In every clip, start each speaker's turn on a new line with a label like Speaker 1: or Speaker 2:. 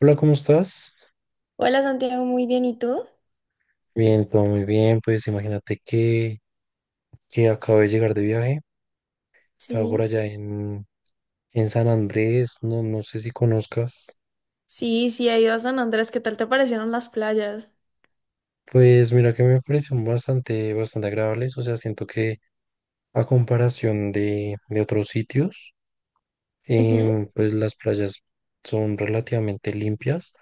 Speaker 1: Hola, ¿cómo estás?
Speaker 2: Hola Santiago, muy bien, ¿y tú?
Speaker 1: Bien, todo muy bien. Pues imagínate que acabo de llegar de viaje. Estaba por
Speaker 2: Sí.
Speaker 1: allá en San Andrés, no, no sé si conozcas.
Speaker 2: Sí, sí, he ido a San Andrés, ¿qué tal te parecieron las playas?
Speaker 1: Pues mira que me parecieron bastante, bastante agradables. O sea, siento que a comparación de otros sitios,
Speaker 2: Ujú.
Speaker 1: pues las playas son relativamente limpias.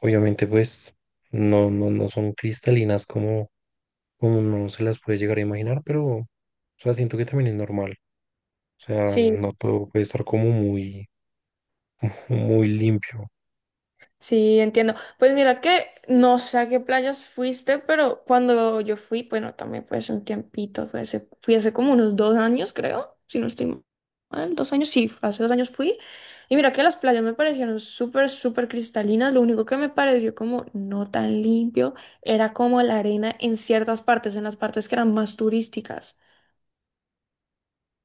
Speaker 1: Obviamente, pues no son cristalinas como, como uno se las puede llegar a imaginar, pero o sea, siento que también es normal. O sea,
Speaker 2: Sí,
Speaker 1: no todo puede estar como muy, muy limpio.
Speaker 2: sí, entiendo. Pues mira que no sé a qué playas fuiste, pero cuando yo fui, bueno, también fue hace un tiempito, fui hace como unos 2 años, creo, si no estoy mal, 2 años, sí, hace 2 años fui. Y mira que las playas me parecieron súper cristalinas, lo único que me pareció como no tan limpio era como la arena en ciertas partes, en las partes que eran más turísticas.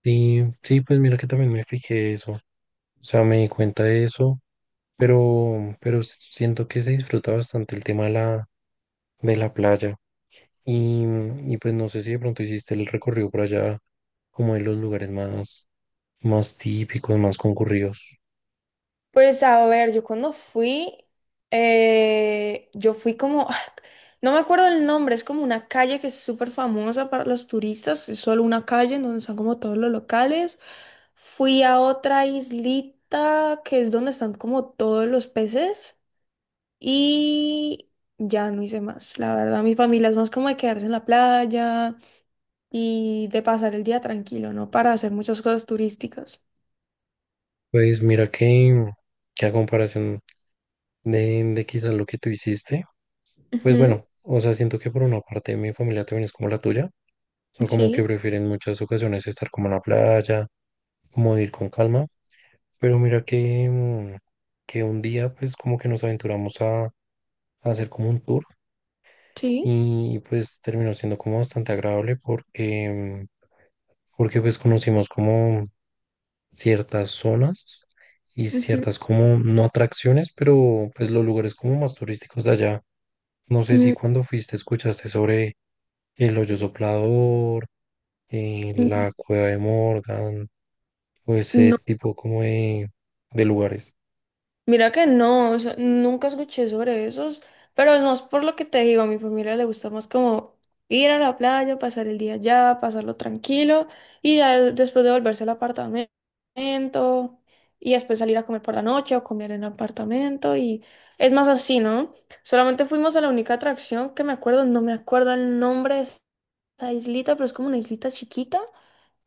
Speaker 1: Sí, sí, pues mira que también me fijé eso. O sea, me di cuenta de eso, pero siento que se disfruta bastante el tema de la playa. Y, y pues no sé si de pronto hiciste el recorrido por allá, como en los lugares más, más típicos, más concurridos.
Speaker 2: Pues a ver, yo cuando fui, yo fui como, ah, no me acuerdo el nombre, es como una calle que es súper famosa para los turistas, es solo una calle en donde están como todos los locales. Fui a otra islita que es donde están como todos los peces y ya no hice más. La verdad, mi familia es más como de quedarse en la playa y de pasar el día tranquilo, ¿no? Para hacer muchas cosas turísticas.
Speaker 1: Pues mira que a comparación de quizás lo que tú hiciste, pues
Speaker 2: Ujú.
Speaker 1: bueno, o sea, siento que por una parte mi familia también es como la tuya, son como que
Speaker 2: Sí,
Speaker 1: prefieren muchas ocasiones estar como en la playa, como ir con calma. Pero mira que, que un día pues como que nos aventuramos a hacer como un tour
Speaker 2: sí.
Speaker 1: y pues terminó siendo como bastante agradable porque, porque pues conocimos como ciertas zonas y
Speaker 2: Ujú.
Speaker 1: ciertas como no atracciones, pero pues los lugares como más turísticos de allá. No sé si cuando fuiste escuchaste sobre el hoyo soplador,
Speaker 2: Mm,
Speaker 1: la cueva de Morgan o ese
Speaker 2: No,
Speaker 1: tipo como de lugares.
Speaker 2: mira que no, o sea, nunca escuché sobre esos, pero es más por lo que te digo, a mi familia le gusta más como ir a la playa, pasar el día allá, pasarlo tranquilo y ya después de volverse al apartamento y después salir a comer por la noche o comer en el apartamento y es más así, ¿no? Solamente fuimos a la única atracción que me acuerdo, no me acuerdo el nombre de esa islita, pero es como una islita chiquita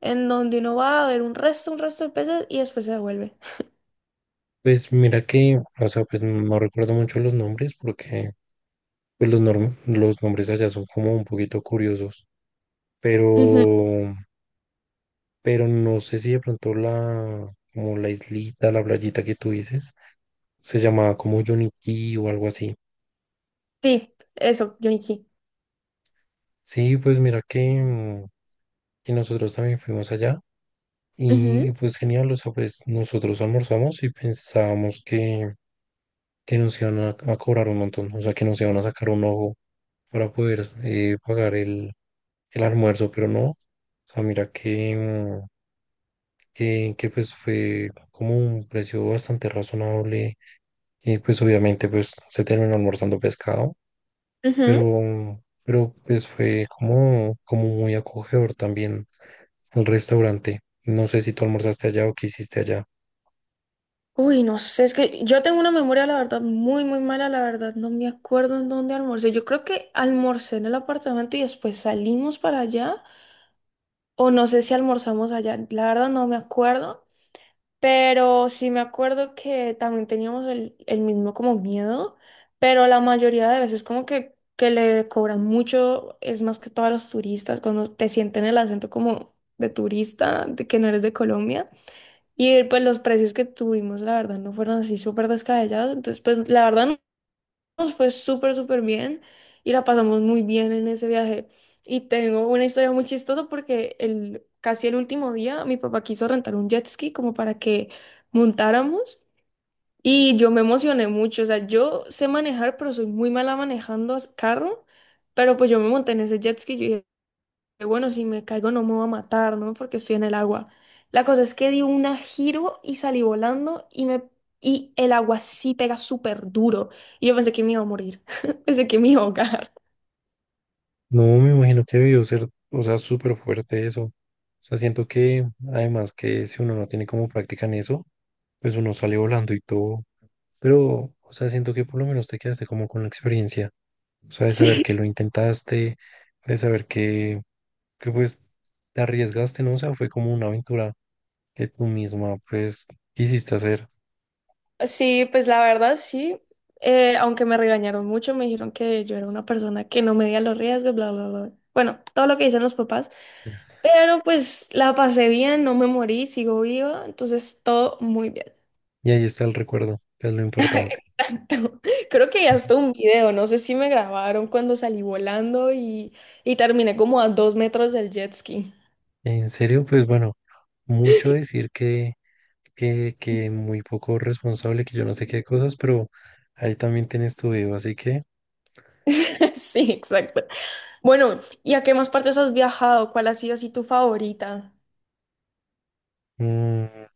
Speaker 2: en donde uno va a ver un resto de peces y después se devuelve.
Speaker 1: Pues mira que, o sea, pues no recuerdo mucho los nombres porque pues los nombres allá son como un poquito curiosos, pero, pero no sé si de pronto como la islita, la playita que tú dices, se llamaba como Yonití o algo así.
Speaker 2: Sí, eso, Junichi.
Speaker 1: Sí, pues mira que, que nosotros también fuimos allá.
Speaker 2: Ujú,
Speaker 1: Y pues genial, o sea, pues nosotros almorzamos y pensábamos que nos iban a cobrar un montón, o sea, que nos iban a sacar un ojo para poder pagar el almuerzo, pero no, o sea, mira que, que pues fue como un precio bastante razonable y pues obviamente pues se terminó almorzando pescado,
Speaker 2: ujú.
Speaker 1: pero, pero pues fue como, como muy acogedor también el restaurante. No sé si tú almorzaste allá o qué hiciste allá.
Speaker 2: Uy, no sé, es que yo tengo una memoria, la verdad, muy mala, la verdad, no me acuerdo en dónde almorcé. Yo creo que almorcé en el apartamento y después salimos para allá, o no sé si almorzamos allá, la verdad no me acuerdo, pero sí me acuerdo que también teníamos el mismo como miedo, pero la mayoría de veces como que le cobran mucho, es más que todos los turistas, cuando te sienten el acento como de turista, de que no eres de Colombia. Y pues los precios que tuvimos, la verdad, no fueron así súper descabellados. Entonces, pues la verdad no- nos fue súper bien y la pasamos muy bien en ese viaje. Y tengo una historia muy chistosa porque casi el último día mi papá quiso rentar un jet ski como para que montáramos y yo me emocioné mucho. O sea, yo sé manejar, pero soy muy mala manejando carro. Pero pues yo me monté en ese jet ski que, bueno, si me caigo no me va a matar, ¿no? Porque estoy en el agua. La cosa es que di un giro y salí volando y el agua sí pega súper duro. Y yo pensé que me iba a morir, pensé que me iba a ahogar.
Speaker 1: No, me imagino que debió ser, o sea, súper fuerte eso. O sea, siento que además que si uno no tiene como práctica en eso, pues uno sale volando y todo. Pero, o sea, siento que por lo menos te quedaste como con la experiencia. O sea, de saber
Speaker 2: Sí,
Speaker 1: que lo intentaste, de saber que pues te arriesgaste, ¿no? O sea, fue como una aventura que tú misma pues quisiste hacer.
Speaker 2: sí, pues la verdad sí. Aunque me regañaron mucho, me dijeron que yo era una persona que no medía los riesgos, bla, bla, bla. Bueno, todo lo que dicen los papás. Pero pues la pasé bien, no me morí, sigo viva, entonces todo muy bien.
Speaker 1: Y ahí está el recuerdo, que es lo importante.
Speaker 2: Exacto. Creo que hasta un video, no sé si me grabaron cuando salí volando y terminé como a 2 metros del jet ski.
Speaker 1: En serio, pues bueno, mucho decir que, que muy poco responsable, que yo no sé qué cosas, pero ahí también tienes tu video. Así que,
Speaker 2: Sí, exacto. Bueno, ¿y a qué más partes has viajado? ¿Cuál ha sido así tu favorita?
Speaker 1: mm,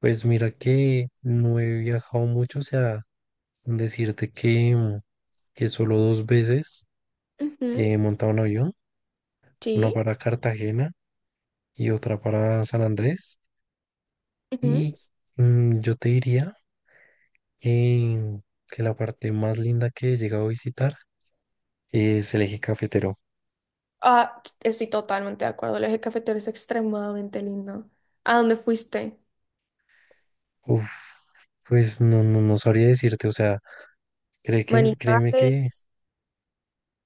Speaker 1: pues mira que no he viajado mucho, o sea, decirte que, que solo dos veces
Speaker 2: Ujú.
Speaker 1: he montado un avión, una
Speaker 2: Sí.
Speaker 1: para Cartagena y otra para San Andrés.
Speaker 2: Ujú.
Speaker 1: Y yo te diría que, que la parte más linda que he llegado a visitar es el eje cafetero.
Speaker 2: Ah, estoy totalmente de acuerdo. El eje cafetero es extremadamente lindo. ¿A dónde fuiste?
Speaker 1: Uf, pues no, no, no sabría decirte, o sea, cree que, créeme que,
Speaker 2: Manizales.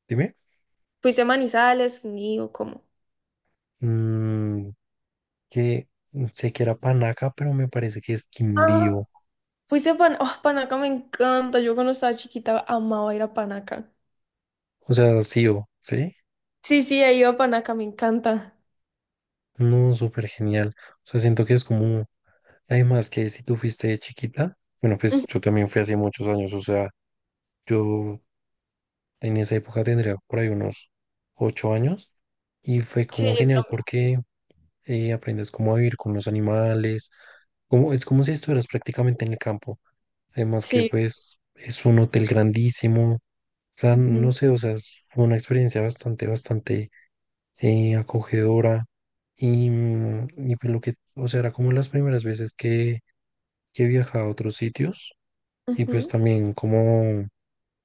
Speaker 1: dime,
Speaker 2: ¿Fuiste a Manizales? Ni o ¿cómo?
Speaker 1: mm, que sé que era Panaca, pero me parece que es Quindío,
Speaker 2: Fuiste a Pan... Oh, Panaca me encanta. Yo cuando estaba chiquita amaba ir a Panaca.
Speaker 1: o sea, sí o, ¿sí?
Speaker 2: Sí, sí, he ido a Panaca, me encanta.
Speaker 1: No, súper genial, o sea, siento que es como, además que si tú fuiste de chiquita, bueno, pues
Speaker 2: Ujú.
Speaker 1: yo también fui hace muchos años, o sea, yo en esa época tendría por ahí unos 8 años, y fue
Speaker 2: Sí,
Speaker 1: como
Speaker 2: yo
Speaker 1: genial
Speaker 2: también.
Speaker 1: porque aprendes cómo a vivir con los animales, como, es como si estuvieras prácticamente en el campo. Además que
Speaker 2: Sí.
Speaker 1: pues es un hotel grandísimo, o sea, no
Speaker 2: Ujú,
Speaker 1: sé, o sea, fue una experiencia bastante, bastante acogedora y, y pues lo que, o sea, era como las primeras veces que viajaba a otros sitios y pues
Speaker 2: ujú.
Speaker 1: también como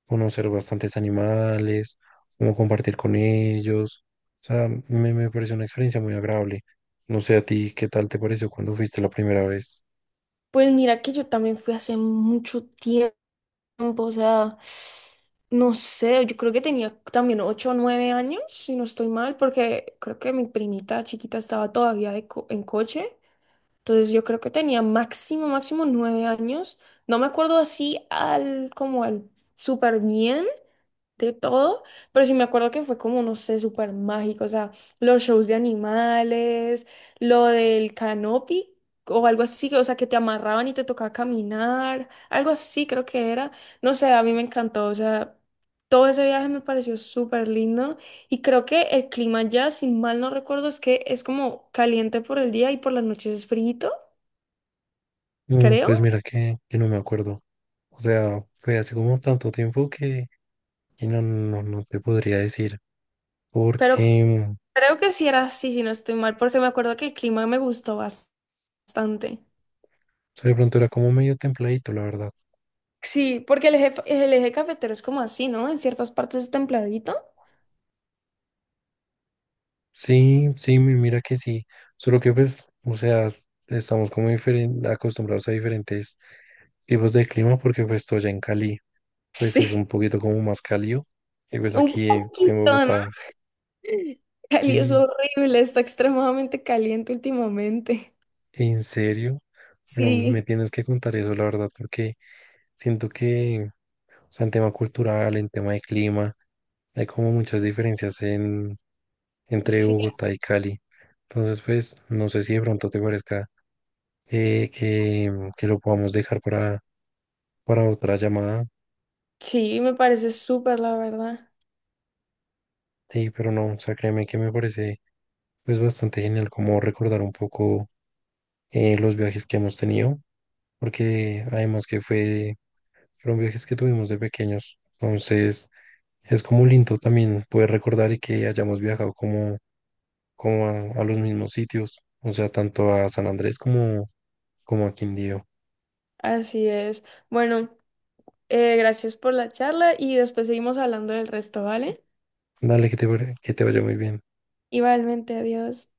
Speaker 1: conocer bastantes animales, como compartir con ellos. O sea, me pareció una experiencia muy agradable. No sé a ti, ¿qué tal te pareció cuando fuiste la primera vez?
Speaker 2: Pues mira que yo también fui hace mucho tiempo, o sea, no sé, yo creo que tenía también 8 o 9 años, si no estoy mal, porque creo que mi primita chiquita estaba todavía en coche. Entonces yo creo que tenía máximo, máximo 9 años. No me acuerdo así al como al súper bien, de todo, pero sí me acuerdo que fue como, no sé, súper mágico, o sea, los shows de animales, lo del canopy o algo así, o sea, que te amarraban y te tocaba caminar, algo así creo que era, no sé, a mí me encantó, o sea, todo ese viaje me pareció súper lindo y creo que el clima ya, si mal no recuerdo, es que es como caliente por el día y por las noches es frío,
Speaker 1: Mm,
Speaker 2: creo,
Speaker 1: pues mira que no me acuerdo. O sea, fue hace como tanto tiempo que no, no, no te podría decir,
Speaker 2: pero
Speaker 1: porque o
Speaker 2: creo que sí era así, si no estoy mal, porque me acuerdo que el clima me gustó bastante.
Speaker 1: sea, de pronto era como medio templadito, la verdad.
Speaker 2: Sí, porque el eje cafetero es como así, ¿no? En ciertas partes es templadito.
Speaker 1: Sí, sí, mira que sí. Solo que pues, o sea, estamos como acostumbrados a diferentes tipos de clima porque pues estoy allá en Cali. Pues es
Speaker 2: Sí,
Speaker 1: un poquito como más cálido. Y pues
Speaker 2: un
Speaker 1: aquí
Speaker 2: poquito,
Speaker 1: en
Speaker 2: ¿no?
Speaker 1: Bogotá,
Speaker 2: Cali es
Speaker 1: sí,
Speaker 2: horrible, está extremadamente caliente últimamente.
Speaker 1: en serio, bueno,
Speaker 2: Sí,
Speaker 1: me tienes que contar eso, la verdad, porque siento que, o sea, en tema cultural, en tema de clima, hay como muchas diferencias en, entre
Speaker 2: sí,
Speaker 1: Bogotá y Cali. Entonces, pues, no sé si de pronto te parezca eh, que, que lo podamos dejar para otra llamada.
Speaker 2: sí, me parece súper, la verdad.
Speaker 1: Sí, pero no, o sea, créeme que me parece pues bastante genial como recordar un poco los viajes que hemos tenido, porque además que fue, fueron viajes que tuvimos de pequeños, entonces es como lindo también poder recordar y que hayamos viajado como, como a los mismos sitios, o sea, tanto a San Andrés como, como a Quindío.
Speaker 2: Así es. Bueno, gracias por la charla y después seguimos hablando del resto, ¿vale?
Speaker 1: Dale, que te vaya muy bien.
Speaker 2: Igualmente, adiós.